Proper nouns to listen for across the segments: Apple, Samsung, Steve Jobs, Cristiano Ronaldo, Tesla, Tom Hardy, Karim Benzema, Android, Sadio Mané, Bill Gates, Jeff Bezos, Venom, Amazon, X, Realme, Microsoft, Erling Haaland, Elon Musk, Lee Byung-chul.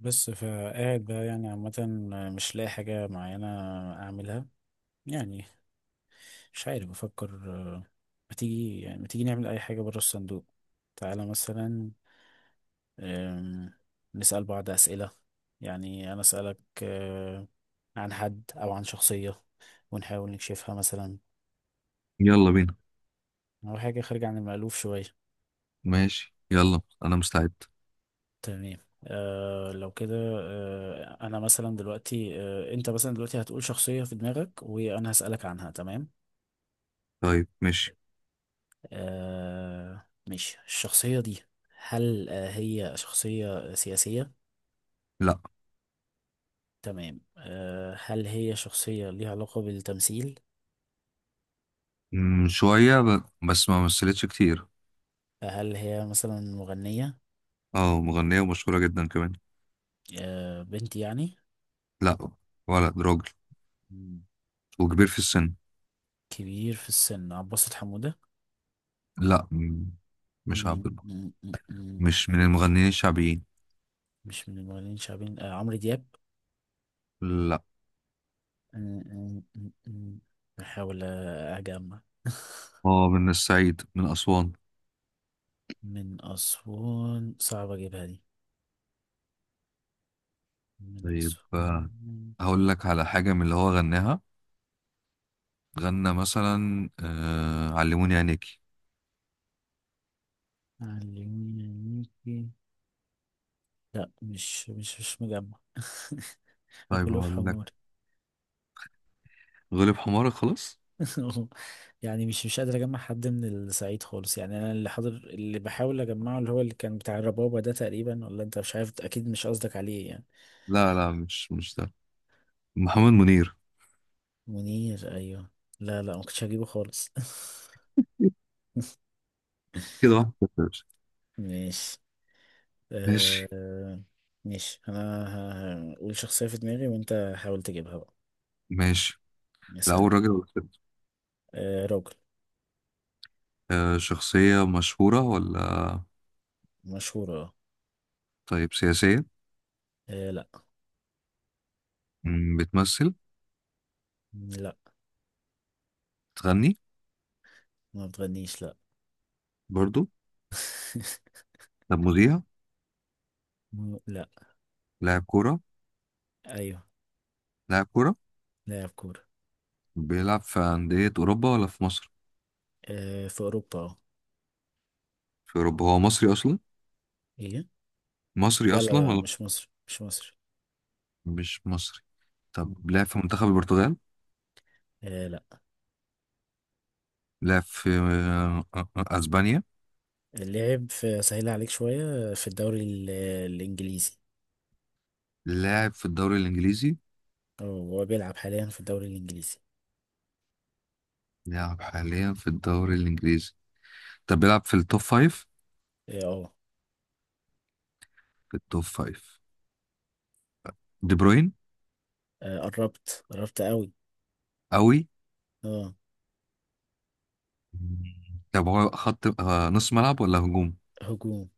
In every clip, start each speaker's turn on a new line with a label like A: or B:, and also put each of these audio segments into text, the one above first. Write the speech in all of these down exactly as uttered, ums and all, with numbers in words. A: بس فقاعد بقى، يعني عامة مش لاقي حاجة معينة أعملها، يعني مش عارف. بفكر آه، ما تيجي يعني ما تيجي نعمل أي حاجة برا الصندوق. تعالى مثلا. آم، نسأل بعض أسئلة. يعني أنا أسألك آه، عن حد أو عن شخصية ونحاول نكشفها مثلا،
B: يلا بينا.
A: أو حاجة خارجة عن المألوف شوية.
B: ماشي، يلا انا مستعد.
A: تمام. آه لو كده آه أنا مثلا دلوقتي آه أنت مثلا دلوقتي هتقول شخصية في دماغك وأنا هسألك عنها. تمام.
B: طيب، ماشي.
A: آه ماشي. الشخصية دي، هل آه هي شخصية سياسية؟
B: لا،
A: تمام. آه هل هي شخصية ليها علاقة بالتمثيل؟
B: مم، شوية ب... بس ما مثلتش كتير.
A: هل هي مثلا مغنية؟
B: اه، مغنية ومشهورة جدا كمان.
A: آه بنت يعني؟
B: لا، ولد راجل
A: مم.
B: وكبير في السن.
A: كبير في السن. عباس حمودة؟
B: لا، مم، مش
A: مم،
B: عبد الباسط.
A: مم، مم، مم.
B: مش من المغنيين الشعبيين.
A: مش من المغنيين الشعبيين. آه عمرو دياب؟
B: لا،
A: مم، مم، مم، مم. بحاول آه، أجمع.
B: هو من الصعيد من أسوان.
A: من أسوان صعب أجيبها دي. من
B: طيب، آه،
A: أسوان.
B: هقول لك على حاجة من اللي هو غناها. غنى مثلا آه... علموني عينيكي.
A: علميني عينيكي. لا، مش مش مش مجمع.
B: طيب
A: غلو في
B: هقول
A: حمار.
B: لك غلب حمارك خلاص.
A: يعني مش مش قادر اجمع حد من الصعيد خالص، يعني انا اللي حاضر اللي بحاول اجمعه اللي هو اللي كان بتاع الربابة ده تقريبا، ولا انت؟ مش عارف، اكيد مش قصدك عليه يعني.
B: لا لا، مش مش ده، محمد منير.
A: منير، ايوه. لا لا، ما كنتش هجيبه خالص.
B: كده واحد صفر يا باشا.
A: ماشي.
B: ماشي
A: آه... ماشي انا. ه- هقول شخصية في دماغي وانت حاول تجيبها بقى.
B: ماشي.
A: مثلا
B: الأول
A: أو-
B: راجل ولا ست؟
A: آه راجل.
B: آه شخصية مشهورة ولا؟
A: مشهور، اه.
B: طيب سياسية؟
A: آه، لا.
B: مم، بتمثل؟
A: لا،
B: بتغني؟
A: ما بتغنيش، لا.
B: برضو؟ طب مذيع؟
A: مو- لا.
B: لاعب كورة.
A: ايوه،
B: لاعب كورة
A: لاعب كورة.
B: بيلعب في أندية أوروبا ولا في مصر؟
A: آه في اوروبا، اه.
B: في أوروبا. هو مصري أصلا.
A: ايه؟
B: مصري
A: لا لا
B: أصلا
A: لا،
B: ولا؟
A: مش مصر مش مصر.
B: مش مصري.
A: مم.
B: طب لعب في منتخب البرتغال؟
A: آه لا.
B: لعب في آه، آه، آه، أسبانيا.
A: لعب في سهل عليك شوية. في الدوري ال- الانجليزي.
B: لاعب في الدوري الإنجليزي.
A: اه، هو بيلعب حاليا في الدوري الانجليزي.
B: لاعب حاليا في الدوري الإنجليزي. طب بيلعب في التوب فايف؟
A: اه،
B: في التوب فايف، دي بروين؟
A: آه، آه، قربت قربت قوي.
B: قوي.
A: اه.
B: طب هو خط آه نص ملعب ولا هجوم؟
A: هجوم.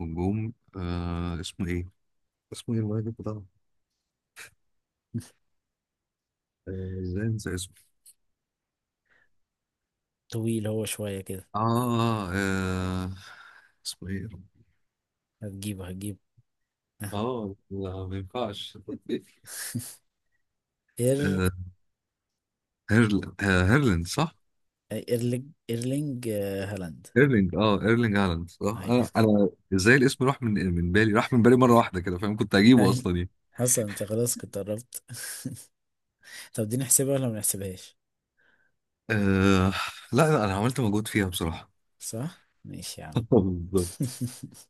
B: هجوم. آه اسمه ايه؟ اسمه ايه المهاجم بتاعه؟ آه، ازاي انسى اسمه؟
A: طويل هو شوية كده.
B: آه, اه اسمه ايه يا رب؟
A: هتجيبه هتجيبه.
B: اه، لا ما ينفعش.
A: اير
B: آه هيرل آه هيرلند صح؟
A: ايرلينج ايرلينج آه، هالاند.
B: ايرلينج اه ايرلينج هالاند صح.
A: اي.
B: انا انا ازاي الاسم راح من من بالي، راح من بالي مره واحده كده، فاهم؟ كنت هجيبه
A: اي،
B: اصلا يعني.
A: حسن انت خلاص كنت قربت. طب دي نحسبها ولا ما نحسبهاش؟
B: آه لا لا، انا عملت مجهود فيها بصراحه.
A: صح، ماشي يا عم.
B: بالظبط.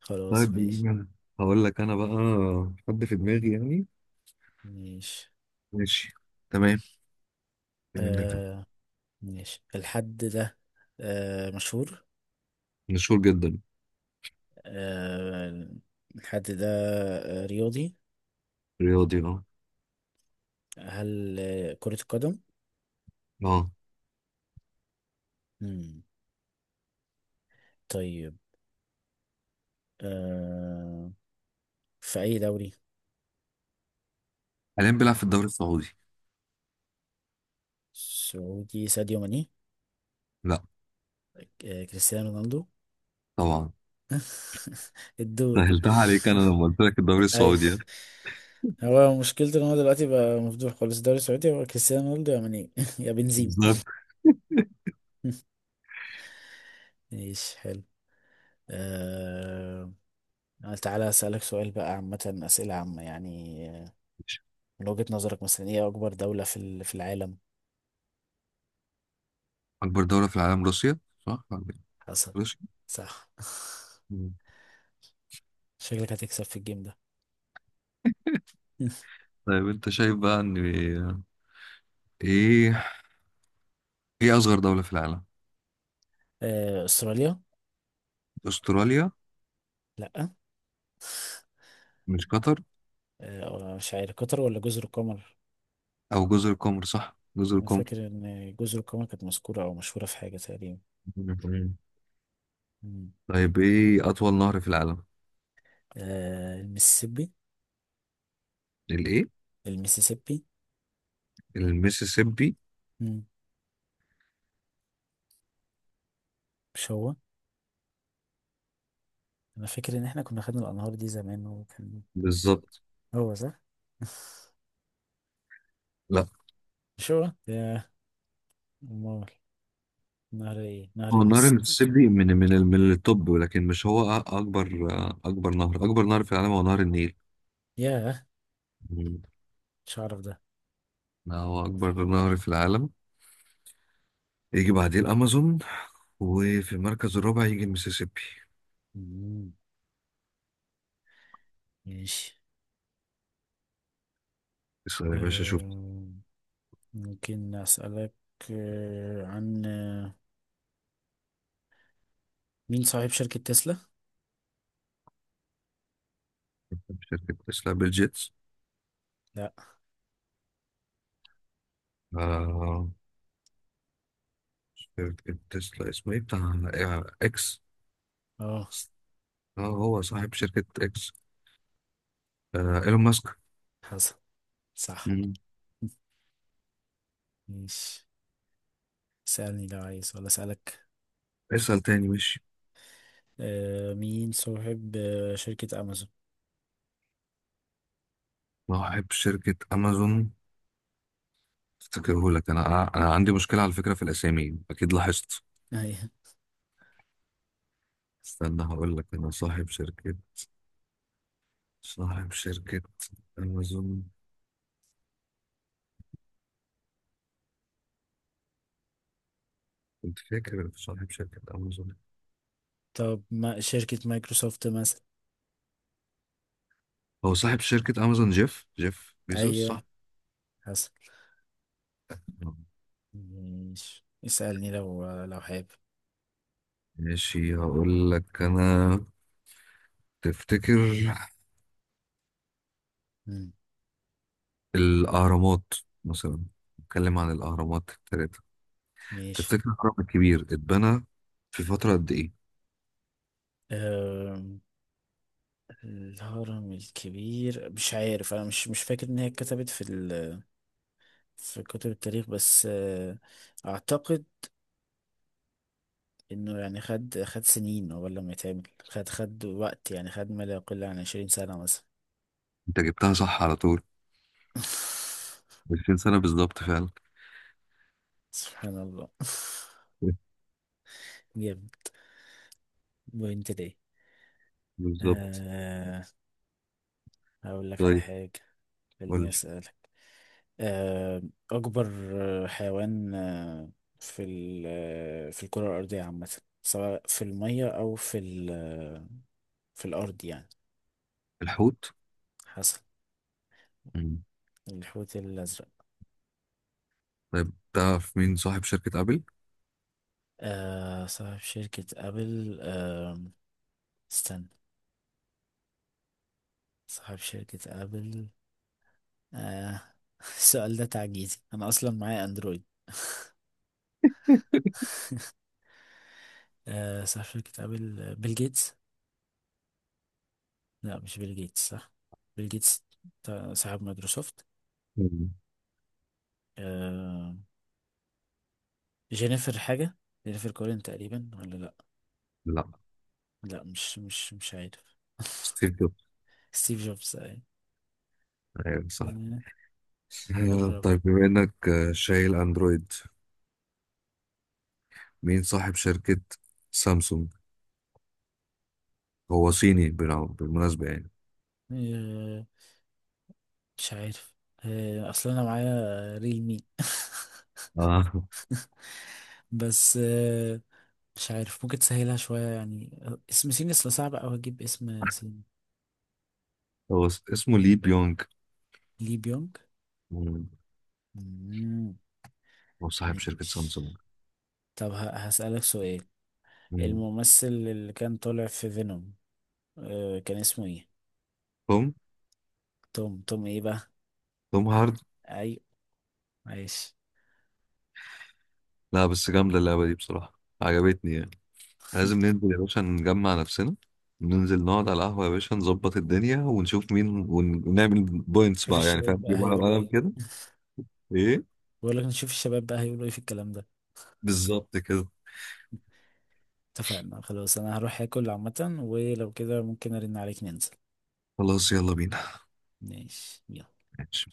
A: خلاص
B: طيب
A: ماشي.
B: بينا. هقول لك انا بقى حد في دماغي يعني.
A: ماشي.
B: ماشي. تمام. بما انك ده.
A: آه ماشي الحد ده. آه مشهور.
B: مشهور جدا.
A: آه الحد ده آه رياضي.
B: رياضي، اه.
A: هل آه كرة القدم؟
B: اه،
A: مم. طيب. آه في أي دوري؟
B: حاليا بيلعب في الدوري السعودي.
A: سعودي. ساديو ماني.
B: لا.
A: آه كريستيانو رونالدو.
B: طبعا.
A: الدون.
B: سهلتها عليك انا لما قلت لك الدوري
A: اي.
B: السعودي يعني.
A: هو مشكلته ان هو دلوقتي بقى مفضوح خالص. الدوري السعودي هو كريستيانو رونالدو، يا ماني يا بنزيما.
B: بالظبط.
A: ماشي، حلو. آه... تعالى أسألك سؤال بقى. عامة، أسئلة عامة يعني. آه، من وجهة نظرك مثلا، إيه أكبر دولة في ال- في العالم؟
B: اكبر دولة في العالم روسيا، صح.
A: حصل.
B: روسيا.
A: صح.
B: مم.
A: شكلك هتكسب في الجيم ده.
B: طيب انت شايف بقى ان ايه ايه اصغر دولة في العالم؟
A: آه... أستراليا؟
B: استراليا.
A: لأ.
B: مش قطر؟
A: آه... مش عارف، قطر ولا جزر القمر؟
B: او جزر القمر، صح جزر
A: أنا
B: القمر.
A: فاكر إن جزر القمر كانت مذكورة أو مشهورة في حاجة تقريبا.
B: مم.
A: مم.
B: طيب ايه اطول نهر في العالم؟
A: آه... المسيسيبي.
B: الايه؟
A: المسيسيبي.
B: الميسيسيبي.
A: مم. مش هو. انا فاكر ان احنا كنا خدنا الانهار دي زمان، وكان
B: بالظبط.
A: هو صح.
B: لا،
A: مش هو يا. امال نهر ايه؟ نهر
B: هو نهر
A: الس.
B: المسيسيبي من من ال- من التوب، ولكن مش هو أ- اكبر. اكبر نهر اكبر نهر في العالم هو نهر النيل.
A: يا.
B: مم.
A: مش هعرف ده.
B: لا، هو اكبر نهر في العالم. يجي بعديه الامازون، وفي المركز الرابع يجي المسيسيبي.
A: مم. ماشي.
B: اسأل يا باشا، شوف.
A: أم، ممكن اسالك أه، عن أه، مين صاحب شركة تسلا؟
B: شركة تسلا بيل جيتس.
A: لا.
B: آه شركة تسلا اسمه ايه بتاع آه، اكس.
A: اه.
B: اه، هو صاحب شركة اكس. آه ايلون ماسك.
A: حسن. صح.
B: مم.
A: ماشي. سألني لو عايز ولا اسالك؟
B: اسأل تاني. ماشي.
A: أه، مين صاحب أه، شركة امازون؟
B: صاحب شركة امازون، افتكره لك انا. انا عندي مشكله على فكره في الاسامي، اكيد لاحظت.
A: أيوة.
B: استنى، هقول لك انا. صاحب شركه، صاحب شركه امازون. كنت فاكر في صاحب شركه امازون.
A: طب ما شركة مايكروسوفت مثلا.
B: هو صاحب شركه امازون جيف جيف بيزوس،
A: ايوه،
B: صح.
A: حصل.
B: آه.
A: ماشي، اسألني لو لو حابب.
B: ماشي، هقول لك انا. تفتكر
A: مم.
B: الاهرامات مثلا، نتكلم عن الاهرامات الثلاثه.
A: ماشي.
B: تفتكر الهرم الكبير اتبنى في فتره قد ايه؟
A: أم، الهرم الكبير مش عارف. انا مش مش فاكر ان هي اتكتبت في ال... في كتب التاريخ. بس أه، اعتقد انه يعني خد خد سنين قبل لما يتعمل، خد خد وقت يعني، خد ما لا يقل عن عشرين سنة مثلا.
B: انت جبتها صح على طول. عشرين سنه بالظبط فعلا.
A: سبحان الله. جامد. وانت ليه؟
B: بالظبط.
A: أه هقول لك على
B: طيب
A: حاجة.
B: قول
A: خليني
B: لي.
A: اسألك. آه، أكبر آه، حيوان آه، في ال- آه، في الكرة الأرضية عامة، سواء في المية أو في ال- آه، في الأرض يعني.
B: الحوت.
A: حسب.
B: مم.
A: الحوت الأزرق.
B: طيب تعرف مين صاحب شركة أبل؟
A: آه، صاحب شركة أبل، آه، استنى. صاحب شركة أبل. آه، السؤال ده تعجيزي، أنا أصلا معايا أندرويد. آه، صاحب شركة أبل آه، بيل جيتس. لا، مش بيل جيتس. صح، بيل جيتس بتاع- صاحب مايكروسوفت.
B: مم.
A: آه، جينيفر حاجة. جينيفر كولين تقريبا، ولا لا.
B: لا.
A: لا، مش مش مش عارف.
B: ستيف جوبز.
A: ستيف جوبز، أي.
B: ايوه، صح.
A: آه،
B: آه،
A: قرب.
B: طيب بما انك آه، شايل اندرويد، مين صاحب شركة سامسونج؟ هو صيني بنا- بالمناسبة يعني.
A: آه، مش عارف. آه، اصل انا معايا ريلمي.
B: اه.
A: بس آه، مش عارف ممكن تسهلها شوية يعني. آه، اسم سين اصل صعب اوي اجيب اسم سين.
B: هو اس- اسمه لي بيونج.
A: لي بيونج.
B: مم.
A: مم.
B: هو صاحب شركة
A: ماشي.
B: سامسونج.
A: طب ه- هسألك سؤال.
B: مم.
A: الممثل اللي كان طالع في فينوم، آه، كان اسمه ايه؟
B: توم
A: توم. توم ايه بقى؟
B: توم هارد.
A: اي. عايش.
B: لا بس جامدة اللعبة دي بصراحة، عجبتني يعني. لازم ننزل يا باشا نجمع نفسنا. ننزل نقعد على القهوة يا باشا، نظبط الدنيا ونشوف مين ون- ونعمل بوينتس
A: شوف
B: بقى يعني،
A: الشباب
B: فاهم؟
A: بقى
B: نجيب ورقة
A: هيقولوا
B: وقلم
A: ايه.
B: كده. ايه.
A: بقول لك نشوف الشباب بقى هيقولوا ايه في الكلام ده.
B: بالظبط كده.
A: اتفقنا. خلاص انا هروح اكل عامة، ولو كده ممكن ارن عليك ننزل.
B: خلاص، يلا بينا.
A: ماشي، يلا.
B: ماشي.